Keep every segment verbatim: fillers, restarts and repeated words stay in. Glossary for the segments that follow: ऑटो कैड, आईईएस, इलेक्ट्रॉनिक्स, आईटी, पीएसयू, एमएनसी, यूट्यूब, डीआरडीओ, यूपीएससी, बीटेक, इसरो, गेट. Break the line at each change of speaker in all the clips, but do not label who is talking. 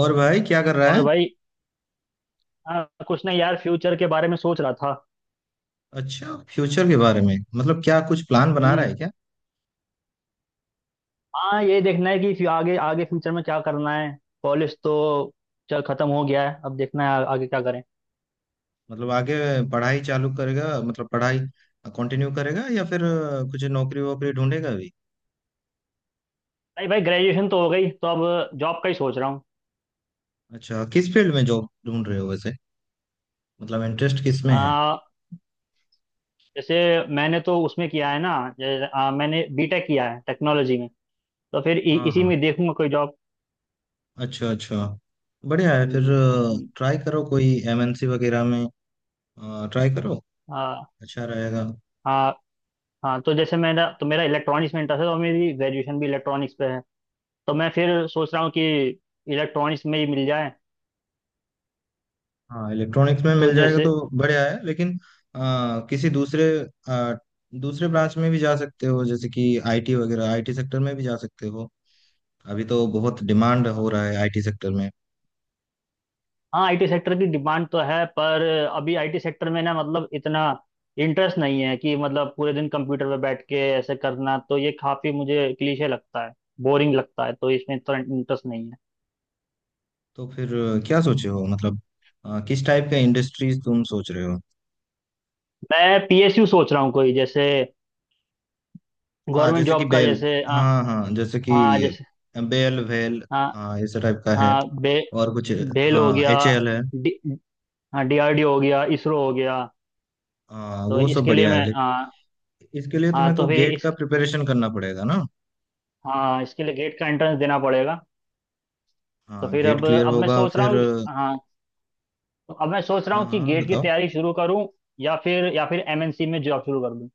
और भाई क्या कर रहा
और
है?
भाई। हाँ, कुछ नहीं यार, फ्यूचर के बारे में सोच रहा था।
अच्छा, फ्यूचर के बारे में मतलब क्या कुछ प्लान बना रहा
हम्म।
है क्या?
हाँ, ये देखना है कि फ्यू- आगे आगे फ्यूचर में क्या करना है। कॉलेज तो चल खत्म हो गया है, अब देखना है आ- आगे क्या करें।
मतलब आगे पढ़ाई चालू करेगा, मतलब पढ़ाई कंटिन्यू करेगा या फिर अ, कुछ नौकरी वोकरी ढूंढेगा अभी?
नहीं भाई, ग्रेजुएशन तो हो गई, तो अब जॉब का ही सोच रहा हूँ।
अच्छा, किस फील्ड में जॉब ढूंढ रहे हो वैसे? मतलब इंटरेस्ट किस में है?
आ, जैसे, मैंने तो उसमें किया है ना। जैसे, आ, मैंने बी टेक किया है टेक्नोलॉजी में। तो फिर इ,
हाँ
इसी
हाँ।
में देखूंगा कोई जॉब।
अच्छा अच्छा। बढ़िया है फिर।
हम्म। हम्म।
ट्राई करो कोई एमएनसी वगैरह में। ट्राई करो।
हाँ।
अच्छा रहेगा।
हाँ। हाँ, तो जैसे मेरा तो मेरा इलेक्ट्रॉनिक्स में इंटरेस्ट है, तो मेरी ग्रेजुएशन भी इलेक्ट्रॉनिक्स पे है। तो मैं फिर सोच रहा हूँ कि इलेक्ट्रॉनिक्स में ही मिल जाए।
हाँ इलेक्ट्रॉनिक्स में
तो
मिल जाएगा
जैसे।
तो बढ़िया है, लेकिन आ, किसी दूसरे आ, दूसरे ब्रांच में भी जा सकते हो, जैसे कि आईटी वगैरह। आईटी सेक्टर में भी जा सकते हो। अभी तो बहुत डिमांड
हाँ।
हो रहा है आईटी सेक्टर में।
आई टी सेक्टर की डिमांड तो है, पर अभी आई टी सेक्टर में ना, मतलब इतना इंटरेस्ट नहीं है कि, मतलब पूरे दिन कंप्यूटर पे बैठ के ऐसे करना, तो ये काफी मुझे क्लीशे लगता है। बोरिंग लगता है, तो इसमें इतना इंटरेस्ट नहीं है।
तो फिर आ, क्या सोचे हो, मतलब आ, किस टाइप का इंडस्ट्रीज तुम सोच रहे हो?
मैं पी एस यू सोच रहा हूँ, कोई जैसे
हाँ
गवर्नमेंट
जैसे कि
जॉब का,
बेल।
जैसे अ,
हाँ हाँ जैसे कि
हाँ, जैसे।
Bell well.
हाँ।
हाँ इस टाइप का है।
हाँ। बे
और कुछ?
बेल हो
हाँ
गया।
एच एल है।
डी हाँ, डी आर डी ओ हो गया, इसरो हो गया।
हाँ
तो
वो सब
इसके लिए
बढ़िया है,
मैं, हाँ।
लेकिन इसके लिए
हाँ,
तुम्हें तो
तो फिर।
गेट का प्रिपरेशन करना पड़ेगा ना।
हाँ, इसके लिए गेट का एंट्रेंस देना पड़ेगा। तो
हाँ
फिर
गेट
अब
क्लियर
अब मैं
होगा
सोच रहा
फिर।
हूँ, हाँ। तो अब मैं सोच रहा
हाँ
हूँ कि
हाँ
गेट की
बताओ।
तैयारी शुरू करूँ, या फिर या फिर एम एन सी में जॉब शुरू कर दूँ।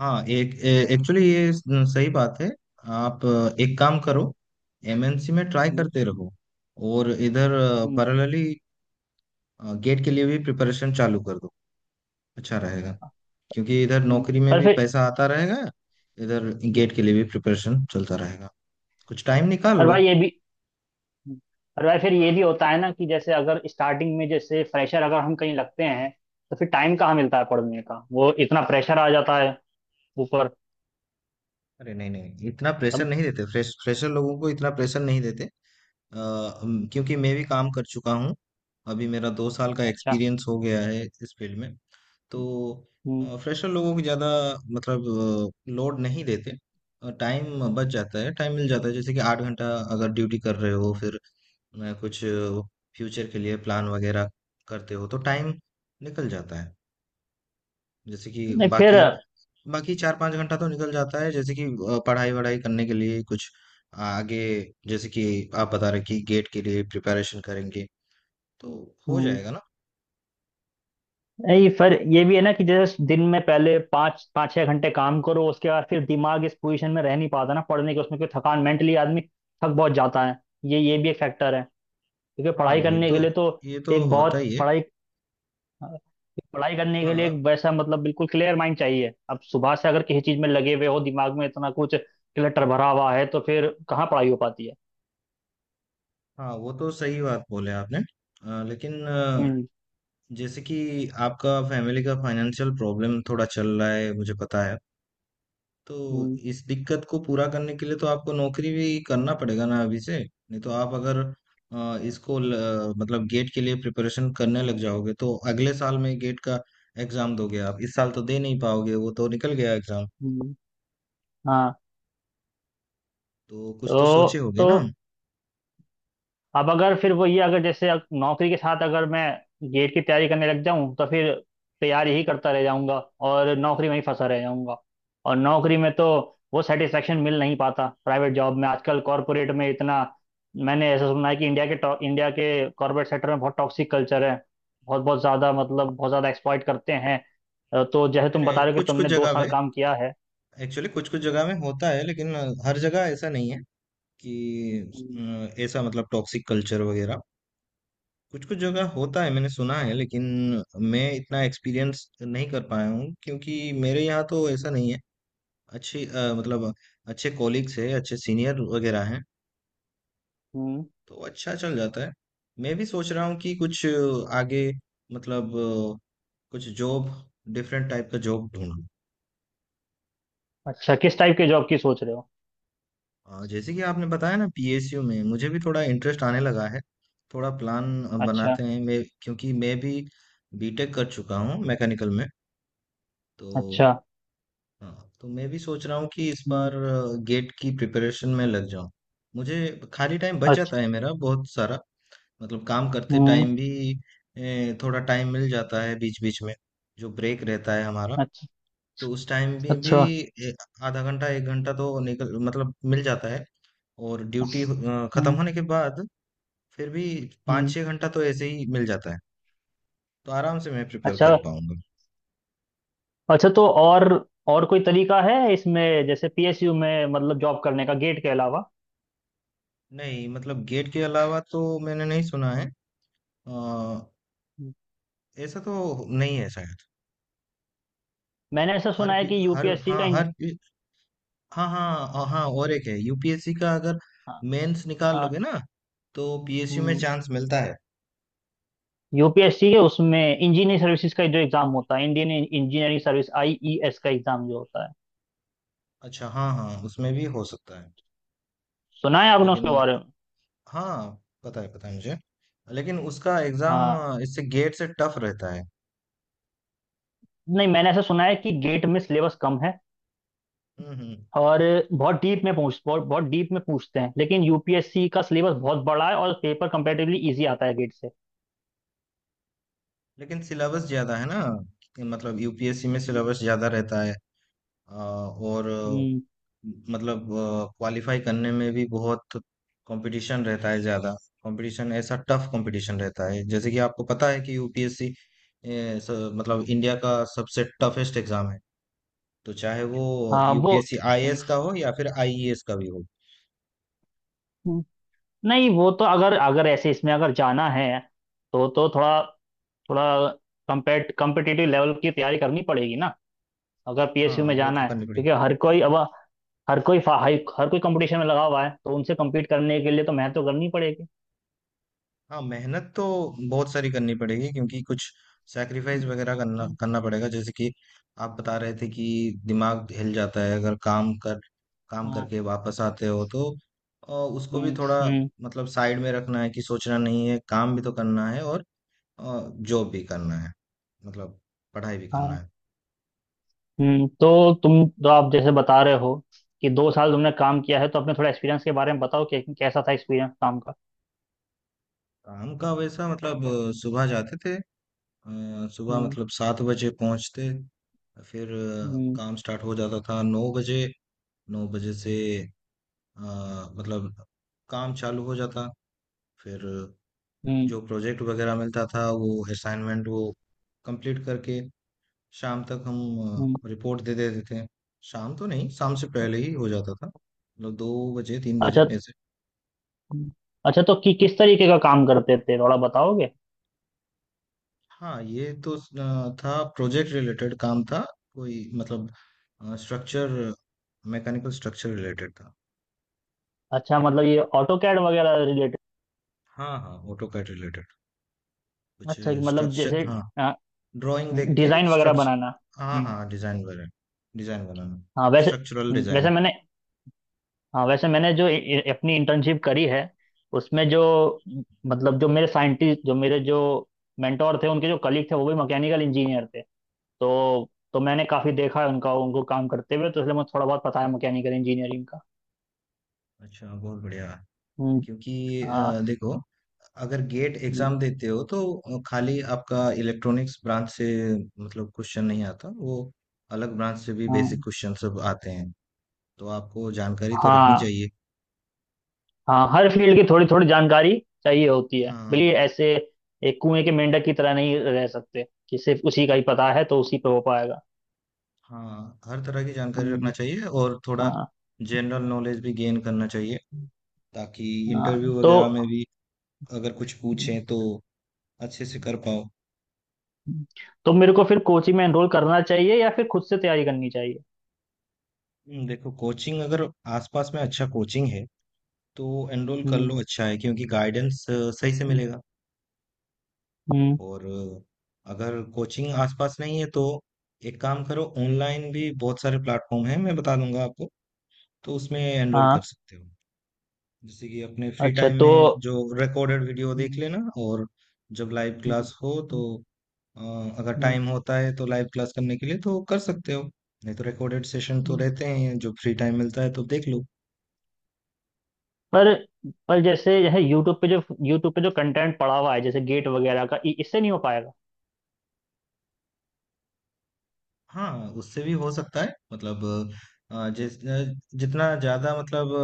हाँ एक, एक्चुअली ये सही बात है। आप अ, एक काम करो, एमएनसी में ट्राई
हम्म।
करते रहो, और इधर
हम्म।
पैरेलली गेट के लिए भी प्रिपरेशन चालू कर दो। अच्छा रहेगा, क्योंकि इधर
हम्म।
नौकरी में
पर
भी
फिर।
पैसा आता रहेगा, इधर गेट के लिए भी प्रिपरेशन चलता रहेगा। कुछ टाइम निकाल
पर
लो।
भाई ये भी। पर भाई फिर ये भी होता है ना कि जैसे अगर स्टार्टिंग में, जैसे फ्रेशर अगर हम कहीं लगते हैं, तो फिर टाइम कहाँ मिलता है पढ़ने का, वो इतना प्रेशर आ जाता है ऊपर।
अरे नहीं नहीं, इतना प्रेशर
सब।
नहीं देते, फ्रेश फ्रेशर लोगों को इतना प्रेशर नहीं देते। अ, अम, क्योंकि मैं भी काम कर चुका हूँ। अभी मेरा दो साल का
अच्छा।
एक्सपीरियंस हो गया है इस फील्ड में। तो
हम्म। हम्म।
फ्रेशर लोगों को ज़्यादा मतलब लोड नहीं देते। टाइम बच जाता है, टाइम मिल जाता है। जैसे कि आठ घंटा अगर ड्यूटी कर रहे हो, फिर अ, कुछ फ्यूचर के लिए प्लान वगैरह करते हो तो टाइम निकल जाता है। जैसे कि
नहीं, फिर।
बाकी, बाकी चार पाँच घंटा तो निकल जाता है, जैसे कि अ, पढ़ाई वढ़ाई करने के लिए कुछ आगे, जैसे कि आप बता रहे कि गेट के लिए प्रिपरेशन करेंगे तो हो
हम्म।
जाएगा ना।
नहीं, फिर ये भी है ना कि जैसे दिन में पहले पाँच पाँच छह घंटे काम करो, उसके बाद फिर दिमाग इस पोजीशन में रह नहीं पाता ना पढ़ने के, उसमें कोई थकान मेंटली आदमी थक बहुत जाता है। ये ये भी एक फैक्टर है। क्योंकि
हाँ
पढ़ाई
ये
करने के
तो
लिए तो
ये तो
एक
होता
बहुत
ही है।
पढ़ाई पढ़ाई करने के लिए एक
हाँ
वैसा, मतलब बिल्कुल क्लियर माइंड चाहिए। अब सुबह से अगर किसी चीज में लगे हुए हो, दिमाग में इतना कुछ क्लटर भरा हुआ है, तो फिर कहाँ पढ़ाई हो पाती है।
हाँ वो तो सही बात बोले आपने, अ, लेकिन अ,
हम्म।
जैसे कि आपका फैमिली का फाइनेंशियल प्रॉब्लम थोड़ा चल रहा है, मुझे पता है। तो
हम्म।
इस दिक्कत को पूरा करने के लिए तो आपको नौकरी भी करना पड़ेगा ना अभी से, नहीं तो आप अगर अ, इसको ल, मतलब गेट के लिए प्रिपरेशन करने लग जाओगे तो अगले साल में गेट का एग्जाम दोगे, आप इस साल तो दे नहीं पाओगे, वो तो निकल गया एग्जाम।
हम्म। हाँ।
तो कुछ तो
तो।
सोचे होगे
तो
ना।
अब अगर फिर वो, ये अगर, जैसे अग- नौकरी के साथ अगर मैं गेट की तैयारी करने लग जाऊं, तो फिर तैयारी ही करता रह जाऊंगा, और नौकरी में ही फंसा रह जाऊंगा। और नौकरी में तो वो सेटिस्फेक्शन मिल नहीं पाता प्राइवेट जॉब में, आजकल कॉरपोरेट में इतना, मैंने ऐसा सुना है कि इंडिया के टॉ- इंडिया के कॉरपोरेट सेक्टर में बहुत टॉक्सिक कल्चर है। बहुत बहुत ज़्यादा, मतलब बहुत ज़्यादा एक्सप्लॉइट करते हैं। अ, तो जैसे
नहीं
तुम बता
नहीं,
रहे हो कि
कुछ कुछ
तुमने दो
जगह
साल
पे,
काम किया है।
एक्चुअली कुछ कुछ जगह में होता है, लेकिन अ, हर जगह ऐसा नहीं है कि अ,
हम्म।
ऐसा मतलब टॉक्सिक कल्चर वगैरह, कुछ कुछ जगह होता है मैंने सुना है, लेकिन मैं इतना एक्सपीरियंस नहीं कर पाया हूँ, क्योंकि मेरे यहाँ तो ऐसा नहीं है। अच्छी अ, मतलब अच्छे कॉलीग्स है, अच्छे सीनियर वगैरह हैं,
हम्म।
तो अच्छा चल जाता है। मैं भी सोच रहा हूँ कि कुछ अ, आगे मतलब अ, कुछ जॉब, डिफरेंट टाइप का जॉब ढूंढूं।
अच्छा, किस टाइप के जॉब की सोच रहे हो?
अ, जैसे कि आपने बताया ना, पीएसयू में मुझे भी थोड़ा इंटरेस्ट आने लगा है। थोड़ा प्लान अ,
अच्छा।
बनाते हैं, मैं क्योंकि मैं भी बीटेक कर चुका हूँ मैकेनिकल में। तो
अच्छा।
हाँ, तो मैं भी सोच रहा हूँ कि इस बार
हम्म।
गेट की प्रिपरेशन में लग जाऊँ। मुझे खाली टाइम बच जाता है मेरा बहुत सारा, मतलब काम करते
हम्म।
टाइम भी ए, थोड़ा टाइम मिल जाता है बीच बीच में जो ब्रेक रहता है हमारा।
अच्छा।
तो उस टाइम भी भी
अच्छा।
ए, आधा घंटा एक घंटा तो निकल, मतलब मिल जाता है। और ड्यूटी खत्म
हम्म।
होने के बाद फिर भी पाँच
हम्म।
छः घंटा तो ऐसे ही मिल जाता है। तो आराम से मैं प्रिपेयर
अच्छा।
कर पाऊंगा।
अच्छा, तो और और कोई तरीका है इसमें, जैसे पी एस यू में, मतलब जॉब करने का गेट के अलावा?
नहीं, मतलब गेट के अलावा तो मैंने नहीं सुना है। अ,
हम्म।
ऐसा तो नहीं है शायद।
मैंने ऐसा
हर
सुना है
पी-
कि
हर
यू पी एस सी
हाँ,
का इंज-
हर पी- हाँ हाँ हाँ हाँ, और एक है यूपीएससी का। अगर
हाँ।
मेंस निकाल
हाँ।
लोगे ना, तो पीएसयू में चांस मिलता है।
यू पी एस सी के उसमें इंजीनियरिंग सर्विसेज का जो एग्जाम होता है, इंडियन इंजीनियरिंग सर्विस, आई ई एस का एग्जाम जो होता है,
अच्छा, हाँ हाँ उसमें भी हो सकता है,
सुना है आपने
लेकिन
उसके बारे में?
हाँ पता है पता है मुझे। लेकिन उसका
हाँ।
एग्जाम इससे गेट से टफ रहता है।
नहीं, मैंने ऐसा सुना है कि गेट में सिलेबस कम है
हम्म हम्म
और बहुत डीप में पूछ बहुत बहुत डीप में पूछते हैं, लेकिन यू पी एस सी का सिलेबस बहुत बड़ा है और पेपर कंपैरेटिवली इजी आता है गेट से।
लेकिन सिलेबस ज्यादा है ना, कि मतलब यूपीएससी में
हम्म।
सिलेबस ज्यादा रहता है। अ, और अ,
हम्म।
मतलब क्वालिफाई करने में भी बहुत कंपटीशन रहता है ज्यादा। कंपटीशन, ऐसा टफ कंपटीशन रहता है, जैसे कि आपको पता है कि यूपीएससी मतलब इंडिया का सबसे टफेस्ट एग्जाम है। तो चाहे वो
हाँ, वो।
यूपीएससी आईएएस का हो या फिर आईईएस का भी हो।
हम्म। नहीं, वो तो अगर अगर ऐसे इसमें अगर जाना है, तो तो थोड़ा, थोड़ा कम्पेट कम्पिटिटिव लेवल की तैयारी करनी पड़ेगी ना, अगर पी एस यू
हाँ
में
वो
जाना
तो
है,
करनी पड़ेगी।
क्योंकि हर कोई अब हर कोई फा- हाई- हर कोई कंपटीशन में लगा हुआ है, तो उनसे कम्पीट करने के लिए तो मेहनत तो करनी पड़ेगी।
हाँ मेहनत तो बहुत सारी करनी पड़ेगी, क्योंकि कुछ सैक्रिफाइस
हम्म।
वगैरह करना
हम्म।
करना पड़ेगा। जैसे कि आप बता रहे थे कि दिमाग हिल जाता है, अगर काम कर काम
हाँ।
करके वापस आते हो तो अ, उसको भी
हम्म।
थोड़ा
हम्म।
मतलब साइड में रखना है, कि सोचना नहीं है, काम भी तो करना है और जॉब भी करना है, मतलब पढ़ाई भी करना
हाँ।
है।
हम्म। तो तुम तो आप जैसे बता रहे हो कि दो साल तुमने काम किया है, तो अपने थोड़ा एक्सपीरियंस के बारे में बताओ कि कैसा था एक्सपीरियंस काम का।
काम का वैसा मतलब अ, सुबह जाते थे, अ, सुबह
हम्म।
मतलब सात बजे पहुंचते, फिर अ,
हम्म।
काम स्टार्ट हो जाता था नौ बजे। नौ बजे से अ, मतलब काम चालू हो जाता, फिर
हम्म।
जो प्रोजेक्ट वगैरह मिलता था वो, असाइनमेंट वो कंप्लीट करके शाम तक हम
हम्म।
रिपोर्ट दे देते थे। शाम तो नहीं, शाम से पहले ही हो जाता था, मतलब दो बजे तीन
अच्छा।
बजे ऐसे।
हम्म। अच्छा, तो कि किस तरीके का काम करते थे, थोड़ा बताओगे?
हाँ ये तो स- अ, था, प्रोजेक्ट रिलेटेड काम था, कोई मतलब स्ट्रक्चर, मैकेनिकल स्ट्रक्चर रिलेटेड था।
अच्छा, मतलब ये ऑटो कैड वगैरह रिलेटेड?
हाँ हाँ ऑटोकैड रिलेटेड कुछ
अच्छा कि, मतलब
स्ट्रक्चर,
जैसे
हाँ, ड्राइंग देख के
डिजाइन वगैरह बनाना।
स्ट्रक्चर, हाँ
हम्म।
हाँ डिजाइन वगैरह, डिजाइन बनाना,
हाँ, वैसे।
स्ट्रक्चरल
हम्म।
डिजाइन।
वैसे मैंने। हाँ, वैसे मैंने जो इ- इ- अपनी इंटर्नशिप करी है उसमें, जो, मतलब जो मेरे साइंटिस्ट, जो मेरे, जो मेंटोर थे, उनके जो कलीग थे वो भी मैकेनिकल इंजीनियर थे। तो तो मैंने काफ़ी देखा है उनका उनको काम करते हुए, तो इसलिए मुझे थोड़ा बहुत पता है मैकेनिकल इंजीनियरिंग का।
अच्छा, बहुत बढ़िया।
हम्म।
क्योंकि
हाँ।
अ, देखो, अगर गेट एग्जाम देते हो तो खाली आपका इलेक्ट्रॉनिक्स ब्रांच से मतलब क्वेश्चन नहीं आता, वो अलग ब्रांच से भी बेसिक
हाँ।
क्वेश्चन सब आते हैं, तो आपको जानकारी तो रखनी
हाँ।
चाहिए।
हाँ, हर फील्ड की थोड़ी थोड़ी जानकारी चाहिए होती है, भले
हाँ
ऐसे एक कुएं के मेंढक की तरह नहीं रह सकते कि सिर्फ उसी का ही पता है तो उसी पे हो पाएगा।
हाँ, हर तरह की जानकारी रखना
हम्म।
चाहिए, और थोड़ा
हाँ।
जनरल नॉलेज भी गेन करना चाहिए, ताकि
हाँ,
इंटरव्यू
तो
वगैरह में भी अगर कुछ पूछें तो अच्छे से कर पाओ।
तो मेरे को फिर कोचिंग में एनरोल करना चाहिए या फिर खुद से तैयारी करनी चाहिए?
हम्म, देखो, कोचिंग अगर आसपास में अच्छा कोचिंग है तो एनरोल कर
हम्म।
लो, अच्छा है क्योंकि गाइडेंस सही से
हम्म।
मिलेगा।
हम्म।
और अ, अगर कोचिंग आसपास नहीं है तो एक काम करो, ऑनलाइन भी बहुत सारे प्लेटफॉर्म हैं, मैं बता दूंगा आपको, तो उसमें एनरोल कर
हाँ।
सकते हो। जैसे कि अपने फ्री
अच्छा,
टाइम
तो।
में जो रिकॉर्डेड वीडियो देख
हम्म।
लेना, और जब लाइव
हम्म।
क्लास हो तो
हम्म।
अ, अगर टाइम होता है तो लाइव क्लास करने के लिए तो कर सकते हो, नहीं तो रिकॉर्डेड सेशन तो
हम्म।
रहते हैं, जो फ्री टाइम मिलता है तो देख लो।
पर पर जैसे यह यूट्यूब पे जो, यूट्यूब पे जो कंटेंट पड़ा हुआ है जैसे गेट वगैरह का, इ- इससे नहीं हो पाएगा?
हाँ, उससे भी हो सकता है, मतलब अ, जिस जितना ज़्यादा मतलब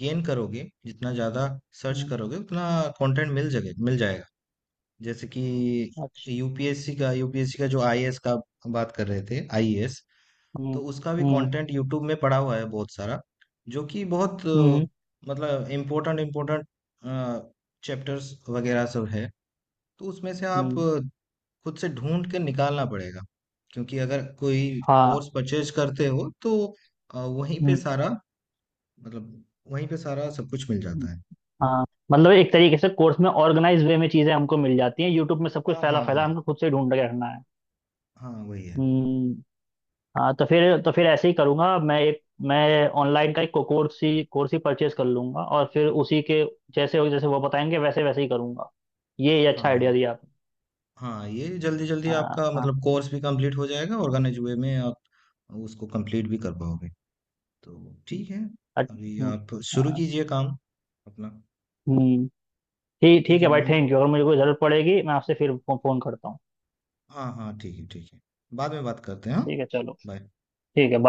गेन करोगे, जितना ज़्यादा सर्च
हम्म।
करोगे उतना कंटेंट मिल जगे मिल जाएगा। जैसे कि
अच्छा।
यूपीएससी का यूपीएससी का जो आईएएस का, हम बात कर रहे थे आईएएस,
हम्म।
तो उसका भी
हम्म।
कंटेंट यूट्यूब में पड़ा हुआ है बहुत सारा, जो कि बहुत अ,
हम्म।
मतलब इम्पोर्टेंट इम्पोर्टेंट चैप्टर्स वगैरह सब है, तो उसमें से आप
हम्म।
खुद से ढूंढ के निकालना पड़ेगा। क्योंकि अगर कोई
हाँ।
कोर्स परचेज करते हो तो अ, वहीं पे
हम्म।
सारा मतलब वहीं पे सारा सब कुछ मिल
हम्म।
जाता है।
हाँ, मतलब एक तरीके से कोर्स में ऑर्गेनाइज वे में चीजें हमको मिल जाती हैं, यूट्यूब में सब कुछ
हाँ
फैला
हाँ
फैला
हाँ।
हमको खुद से ढूंढ के रखना है।
हाँ वही है।
हम्म। हाँ, तो फिर तो फिर ऐसे ही करूंगा मैं, एक, मैं ऑनलाइन का एक कोर्स ही कोर्स ही परचेज कर लूंगा, और फिर उसी के जैसे हो, जैसे वो बताएंगे वैसे वैसे ही करूंगा। ये ये अच्छा
हाँ
आइडिया दिया आपने।
हाँ, ये जल्दी जल्दी
हाँ।
आपका
हाँ।
मतलब कोर्स भी कंप्लीट हो जाएगा, ऑर्गेनाइज वे में आप उसको कंप्लीट भी कर पाओगे, तो
हम्म।
ठीक है।
अच-
अभी
हम्म।
आप शुरू
हाँ।
कीजिए काम अपना।
हम्म। ठीक ठीक
ठीक
है
है,
भाई,
मैं-
थैंक यू। अगर मुझे कोई ज़रूरत पड़ेगी मैं आपसे फिर फ़ोन करता हूँ।
हाँ हाँ ठीक है ठीक है, बाद में बात करते हैं, हाँ।
ठीक है, चलो।
बाय।
ठीक है, बाय।